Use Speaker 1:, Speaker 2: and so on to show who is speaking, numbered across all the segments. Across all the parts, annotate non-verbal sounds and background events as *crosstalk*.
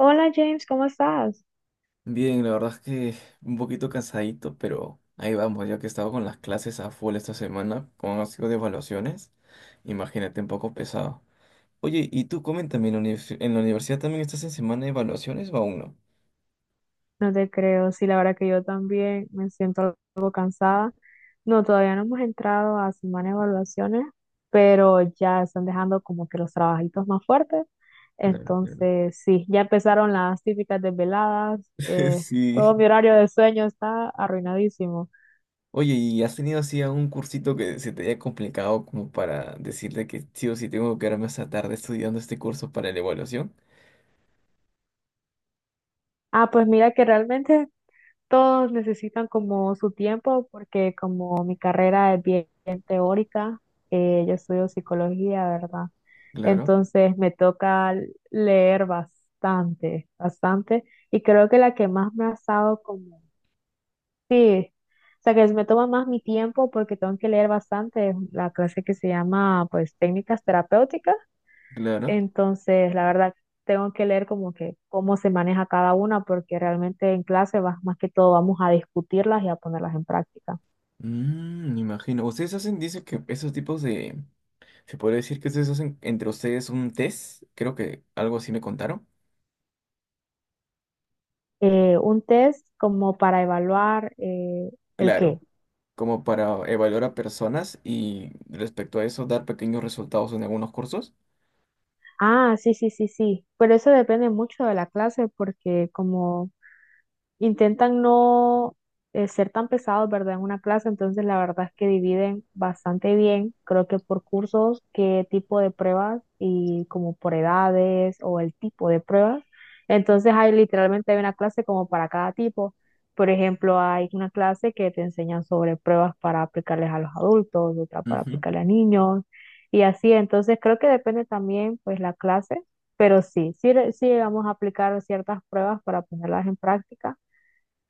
Speaker 1: Hola James, ¿cómo estás?
Speaker 2: Bien, la verdad es que un poquito cansadito, pero ahí vamos, ya que he estado con las clases a full esta semana, como han sido de evaluaciones, imagínate un poco pesado. Oye, y tú coméntame, en la universidad también estás en semana de evaluaciones o aún no?
Speaker 1: No te creo, sí, la verdad que yo también me siento algo cansada. No, todavía no hemos entrado a semana de evaluaciones, pero ya están dejando como que los trabajitos más fuertes.
Speaker 2: Claro, claro.
Speaker 1: Entonces, sí, ya empezaron las típicas desveladas.
Speaker 2: *laughs*
Speaker 1: Todo mi
Speaker 2: Sí.
Speaker 1: horario de sueño está arruinadísimo.
Speaker 2: Oye, ¿y has tenido así algún cursito que se te haya complicado como para decirle que sí o sí tengo que quedarme hasta tarde estudiando este curso para la evaluación?
Speaker 1: Ah, pues mira que realmente todos necesitan como su tiempo porque como mi carrera es bien, bien teórica, yo estudio psicología, ¿verdad?
Speaker 2: Claro,
Speaker 1: Entonces me toca leer bastante, bastante y creo que la que más me ha estado como, sí, o sea que me toma más mi tiempo porque tengo que leer bastante, es la clase que se llama pues técnicas terapéuticas.
Speaker 2: claro.
Speaker 1: Entonces, la verdad, tengo que leer como que cómo se maneja cada una, porque realmente en clase más que todo vamos a discutirlas y a ponerlas en práctica.
Speaker 2: Mm, me imagino. Ustedes hacen, dice que esos tipos de Se podría decir que ustedes hacen entre ustedes un test, creo que algo así me contaron.
Speaker 1: Un test como para evaluar el
Speaker 2: Claro,
Speaker 1: qué.
Speaker 2: como para evaluar a personas y respecto a eso dar pequeños resultados en algunos cursos.
Speaker 1: Ah, sí, sí, sí, sí. Pero eso depende mucho de la clase, porque como intentan no ser tan pesados, ¿verdad? En una clase, entonces la verdad es que dividen bastante bien, creo que por cursos, qué tipo de pruebas y como por edades o el tipo de pruebas. Entonces hay literalmente hay una clase como para cada tipo. Por ejemplo, hay una clase que te enseñan sobre pruebas para aplicarles a los adultos, otra para
Speaker 2: Ujú.
Speaker 1: aplicarle a niños y así. Entonces creo que depende también pues la clase, pero sí, sí, sí llegamos a aplicar ciertas pruebas para ponerlas en práctica.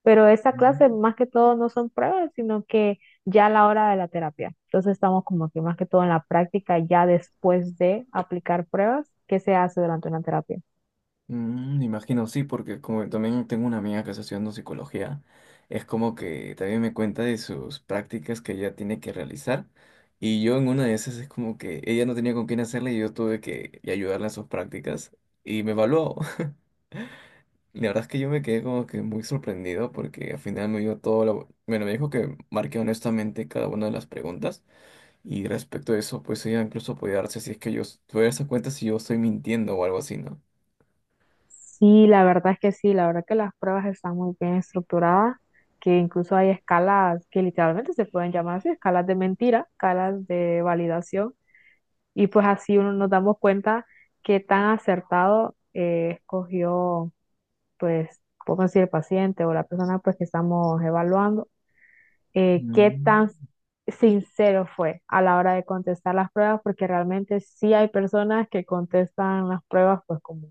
Speaker 1: Pero esta
Speaker 2: Mm.
Speaker 1: clase más que todo no son pruebas, sino que ya a la hora de la terapia. Entonces estamos como que más que todo en la práctica, ya después de aplicar pruebas, ¿qué se hace durante una terapia?
Speaker 2: Mm, me imagino, sí, porque como también tengo una amiga que está estudiando psicología, es como que también me cuenta de sus prácticas que ella tiene que realizar. Y yo en una de esas es como que ella no tenía con quién hacerla y yo tuve que ayudarla en sus prácticas y me evaluó. La verdad es que yo me quedé como que muy sorprendido porque al final me dio todo lo... Bueno, me dijo que marqué honestamente cada una de las preguntas y respecto a eso, pues ella incluso podía darse si es que yo tuve darse cuenta si yo estoy mintiendo o algo así, ¿no?
Speaker 1: Sí, la verdad es que sí, la verdad que las pruebas están muy bien estructuradas, que incluso hay escalas que literalmente se pueden llamar así, escalas de mentira, escalas de validación, y pues así uno nos damos cuenta qué tan acertado escogió, pues, podemos decir, el paciente o la persona pues que estamos evaluando, qué
Speaker 2: Mm.
Speaker 1: tan sincero fue a la hora de contestar las pruebas, porque realmente sí hay personas que contestan las pruebas pues como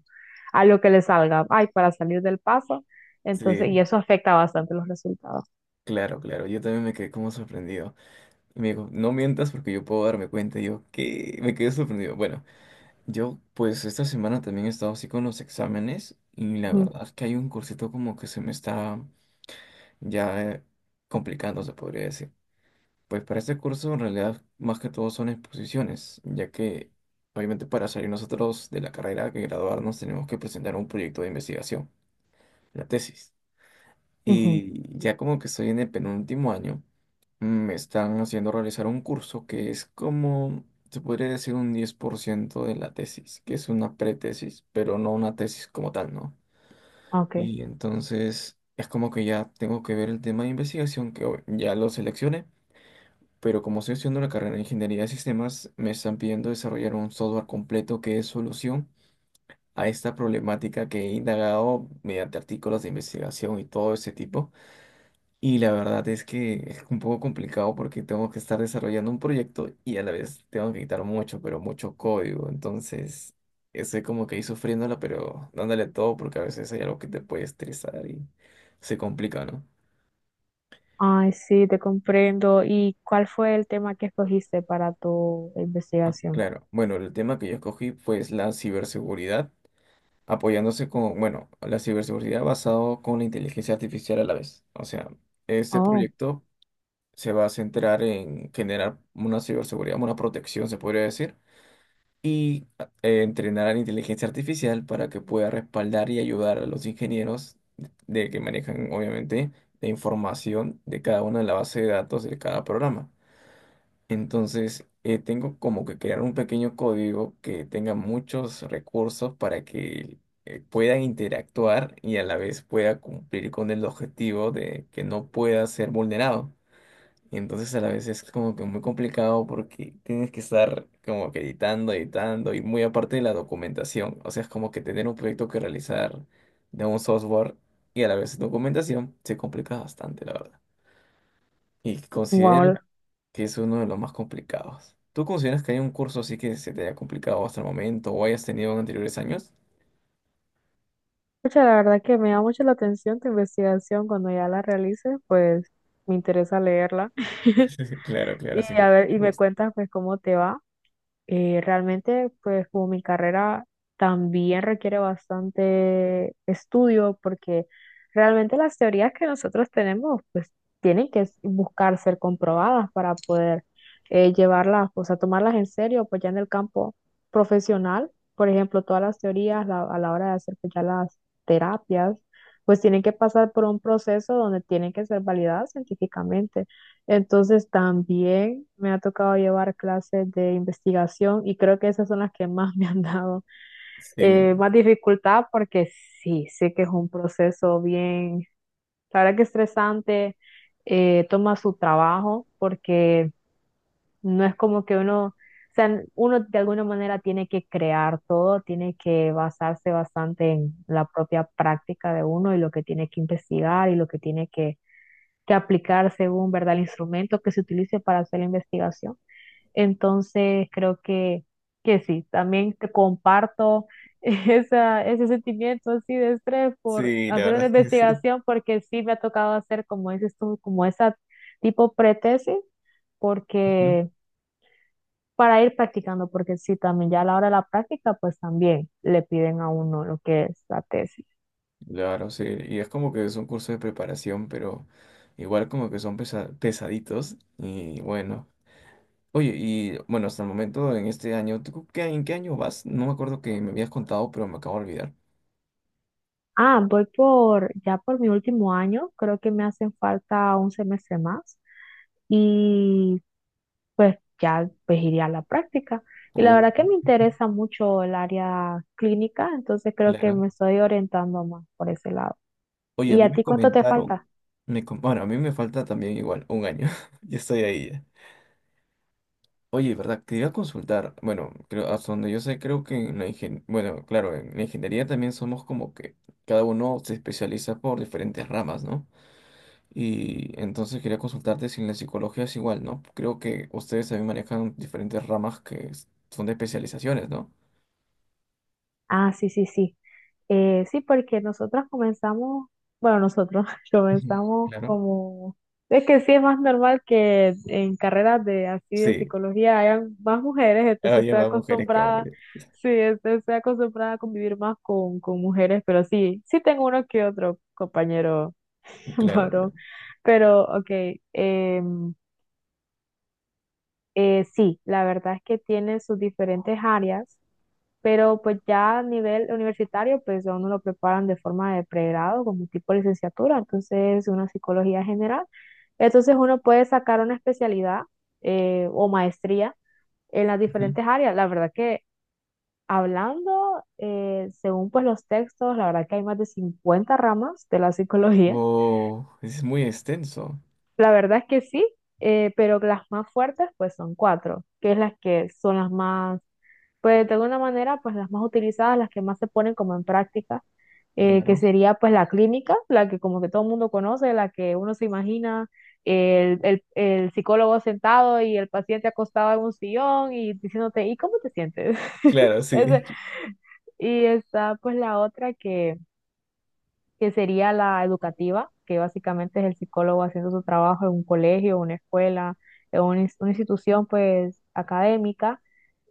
Speaker 1: a lo que les salga, ay, para salir del paso, entonces, y
Speaker 2: Sí,
Speaker 1: eso afecta bastante los resultados.
Speaker 2: claro, claro. Yo también me quedé como sorprendido. Y me dijo, no mientas porque yo puedo darme cuenta. Y yo, ¿qué? Me quedé sorprendido. Bueno, yo pues esta semana también he estado así con los exámenes y la
Speaker 1: Ujú,
Speaker 2: verdad es que hay un cursito como que se me está ya complicando, se podría decir. Pues para este curso en realidad más que todo son exposiciones, ya que obviamente para salir nosotros de la carrera que graduarnos tenemos que presentar un proyecto de investigación, la tesis.
Speaker 1: ujú,
Speaker 2: Y ya como que estoy en el penúltimo año, me están haciendo realizar un curso que es como, se podría decir un 10% de la tesis, que es una pretesis, pero no una tesis como tal, ¿no?
Speaker 1: ok.
Speaker 2: Y entonces es como que ya tengo que ver el tema de investigación que hoy ya lo seleccioné, pero como estoy haciendo la carrera de ingeniería de sistemas, me están pidiendo desarrollar un software completo que es solución a esta problemática que he indagado mediante artículos de investigación y todo ese tipo. Y la verdad es que es un poco complicado porque tengo que estar desarrollando un proyecto y a la vez tengo que quitar mucho, pero mucho código. Entonces, estoy como que ahí sufriéndola, pero dándole todo porque a veces hay algo que te puede estresar y se complica, ¿no?
Speaker 1: Ay, sí, te comprendo. ¿Y cuál fue el tema que escogiste para tu investigación?
Speaker 2: Claro, bueno, el tema que yo escogí fue la ciberseguridad, apoyándose con, bueno, la ciberseguridad basado con la inteligencia artificial a la vez. O sea, este
Speaker 1: Oh,
Speaker 2: proyecto se va a centrar en generar una ciberseguridad, una protección, se podría decir, y entrenar a la inteligencia artificial para que pueda respaldar y ayudar a los ingenieros de que manejan, obviamente, la información de cada una de la base de datos de cada programa. Entonces, tengo como que crear un pequeño código que tenga muchos recursos para que puedan interactuar y a la vez pueda cumplir con el objetivo de que no pueda ser vulnerado. Entonces, a la vez es como que muy complicado porque tienes que estar como que editando y muy aparte de la documentación. O sea, es como que tener un proyecto que realizar de un software y a la vez documentación se complica bastante, la verdad. Y considero
Speaker 1: wow.
Speaker 2: que es uno de los más complicados. ¿Tú consideras que hay un curso así que se te haya complicado hasta el momento o hayas tenido en anteriores años?
Speaker 1: Pucha, la verdad que me da mucho la atención tu investigación. Cuando ya la realices, pues me interesa leerla.
Speaker 2: *laughs* Claro, claro,
Speaker 1: Y
Speaker 2: sí.
Speaker 1: a ver, y me
Speaker 2: Gusto.
Speaker 1: cuentas pues cómo te va. Realmente pues como mi carrera también requiere bastante estudio porque realmente las teorías que nosotros tenemos pues tienen que buscar ser comprobadas para poder llevarlas, o sea, tomarlas en serio pues ya en el campo profesional. Por ejemplo, todas las teorías a la hora de hacer pues ya las terapias pues tienen que pasar por un proceso donde tienen que ser validadas científicamente. Entonces también me ha tocado llevar clases de investigación y creo que esas son las que más *laughs* me han dado
Speaker 2: Sí,
Speaker 1: más dificultad porque sí, sé que es un proceso bien, la verdad que estresante, toma su trabajo porque no es como que uno, o sea, uno de alguna manera tiene que crear todo, tiene que basarse bastante en la propia práctica de uno y lo que tiene que investigar y lo que tiene que aplicar según, ¿verdad?, el instrumento que se utilice para hacer la investigación. Entonces, creo que sí, también te comparto *laughs* esa, ese sentimiento así de estrés por
Speaker 2: sí, la
Speaker 1: hacer
Speaker 2: verdad
Speaker 1: una
Speaker 2: es que sí.
Speaker 1: investigación, porque sí me ha tocado hacer, como dices tú, como esa tipo pretesis,
Speaker 2: Ujú.
Speaker 1: porque para ir practicando, porque sí, también ya a la hora de la práctica, pues también le piden a uno lo que es la tesis.
Speaker 2: Claro, sí. Y es como que es un curso de preparación, pero igual como que son pesaditos. Y bueno. Oye, y bueno, hasta el momento en este año, ¿tú en qué año vas? No me acuerdo que me habías contado, pero me acabo de olvidar.
Speaker 1: Ah, voy por, ya por mi último año, creo que me hacen falta un semestre más y pues ya pues iré a la práctica. Y la
Speaker 2: Oh,
Speaker 1: verdad que me interesa mucho el área clínica, entonces creo que
Speaker 2: claro.
Speaker 1: me estoy orientando más por ese lado.
Speaker 2: Oye, a
Speaker 1: ¿Y
Speaker 2: mí
Speaker 1: a
Speaker 2: me
Speaker 1: ti cuánto te
Speaker 2: comentaron,
Speaker 1: falta?
Speaker 2: bueno, a mí me falta también igual un año, *laughs* ya estoy ahí ya. Oye, ¿verdad? Quería consultar, bueno, creo, hasta donde yo sé, creo que en la bueno, claro, en la ingeniería también somos como que cada uno se especializa por diferentes ramas, ¿no? Y entonces quería consultarte si en la psicología es igual, ¿no? Creo que ustedes también manejan diferentes ramas que son de especializaciones, ¿no?
Speaker 1: Ah, sí, sí, sí. Sí, porque nosotros comenzamos, bueno, nosotros *laughs*
Speaker 2: Ujú.
Speaker 1: comenzamos
Speaker 2: Claro.
Speaker 1: como, es que sí es más normal que en carreras de así de
Speaker 2: Sí,
Speaker 1: psicología hayan más mujeres, entonces
Speaker 2: había
Speaker 1: estoy
Speaker 2: más mujeres que
Speaker 1: acostumbrada,
Speaker 2: hombres.
Speaker 1: sí, este, estoy acostumbrada a convivir más con mujeres, pero sí, sí tengo uno que otro compañero *laughs*
Speaker 2: Claro, claro.
Speaker 1: varón, pero ok, em, sí, la verdad es que tiene sus diferentes áreas, pero pues ya a nivel universitario, pues a uno lo preparan de forma de pregrado, como tipo licenciatura, entonces una psicología general. Entonces uno puede sacar una especialidad, o maestría, en las
Speaker 2: Ujú.
Speaker 1: diferentes áreas. La verdad que hablando, según pues los textos, la verdad que hay más de 50 ramas de la psicología.
Speaker 2: Oh, es muy extenso.
Speaker 1: La verdad es que sí, pero las más fuertes pues son cuatro, que es las que son las más, pues de alguna manera pues las más utilizadas, las que más se ponen como en práctica, que
Speaker 2: Claro.
Speaker 1: sería pues la clínica, la que como que todo el mundo conoce, la que uno se imagina, el psicólogo sentado y el paciente acostado en un sillón y diciéndote, ¿y cómo te sientes?
Speaker 2: Claro,
Speaker 1: *laughs* Ese-
Speaker 2: sí.
Speaker 1: y está pues la otra que sería la educativa, que básicamente es el psicólogo haciendo su trabajo en un colegio, una escuela, en una, una institución pues académica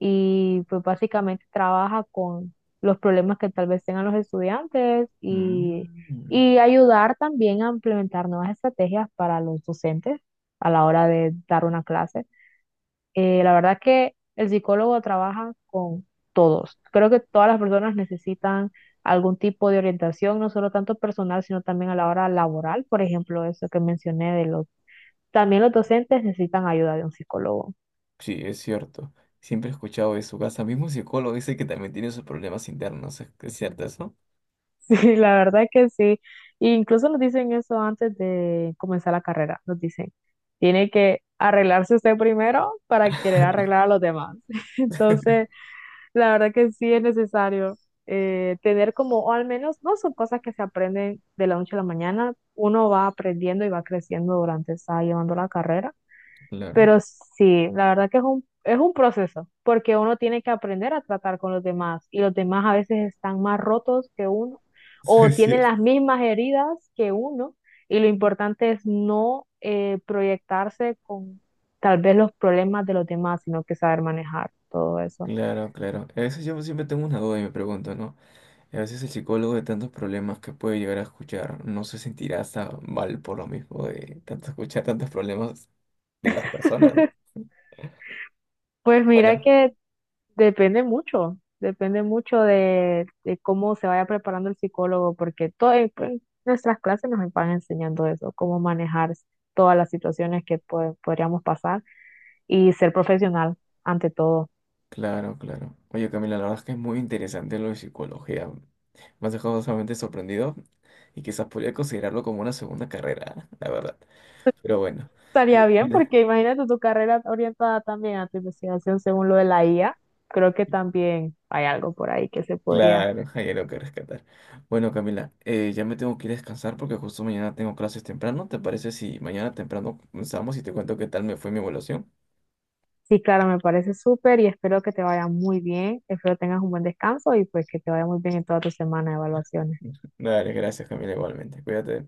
Speaker 1: y pues básicamente trabaja con los problemas que tal vez tengan los estudiantes
Speaker 2: Mm.
Speaker 1: y ayudar también a implementar nuevas estrategias para los docentes a la hora de dar una clase. La verdad que el psicólogo trabaja con todos. Creo que todas las personas necesitan algún tipo de orientación, no solo tanto personal, sino también a la hora laboral. Por ejemplo, eso que mencioné de los... También los docentes necesitan ayuda de un psicólogo. *laughs*
Speaker 2: Sí, es cierto. Siempre he escuchado eso. Hasta mismo psicólogo dice que también tiene sus problemas internos. ¿Es cierto eso?
Speaker 1: Sí, la verdad que sí. E incluso nos dicen eso antes de comenzar la carrera. Nos dicen, tiene que arreglarse usted primero para querer arreglar a los demás. *laughs* Entonces... La verdad que sí es necesario tener como, o al menos, no son cosas que se aprenden de la noche a la mañana, uno va aprendiendo y va creciendo durante, está llevando la carrera,
Speaker 2: Claro.
Speaker 1: pero sí, la verdad que es un proceso, porque uno tiene que aprender a tratar con los demás y los demás a veces están más rotos que uno
Speaker 2: *laughs* Sí,
Speaker 1: o
Speaker 2: es
Speaker 1: tienen
Speaker 2: cierto.
Speaker 1: las mismas heridas que uno y lo importante es no proyectarse con tal vez los problemas de los demás, sino que saber manejar todo eso.
Speaker 2: Claro, claro. A veces yo siempre tengo una duda y me pregunto, ¿no? A veces el psicólogo de tantos problemas que puede llegar a escuchar no se sentirá hasta mal por lo mismo de tanto escuchar tantos problemas de las personas, ¿no?
Speaker 1: Pues mira
Speaker 2: Bueno,
Speaker 1: que depende mucho, depende mucho de cómo se vaya preparando el psicólogo, porque todo, en nuestras clases nos van enseñando eso, cómo manejar todas las situaciones que podríamos pasar y ser profesional ante todo.
Speaker 2: claro, claro. Oye, Camila, la verdad es que es muy interesante lo de psicología. Me has dejado sumamente sorprendido y quizás podría considerarlo como una segunda carrera, *laughs* ¿eh? La verdad. Pero bueno, oye,
Speaker 1: Estaría bien,
Speaker 2: Camila,
Speaker 1: porque imagínate tu carrera orientada también a tu investigación según lo de la IA. Creo que también hay algo por ahí que se podría.
Speaker 2: claro, *laughs* hay algo que rescatar. Bueno, Camila, ya me tengo que ir a descansar porque justo mañana tengo clases temprano. ¿Te parece si mañana temprano comenzamos y te cuento qué tal me fue mi evaluación?
Speaker 1: Sí, claro, me parece súper y espero que te vaya muy bien, espero tengas un buen descanso y pues que te vaya muy bien en toda tu semana de evaluaciones.
Speaker 2: *laughs* Dale, gracias, Camila, igualmente. Cuídate.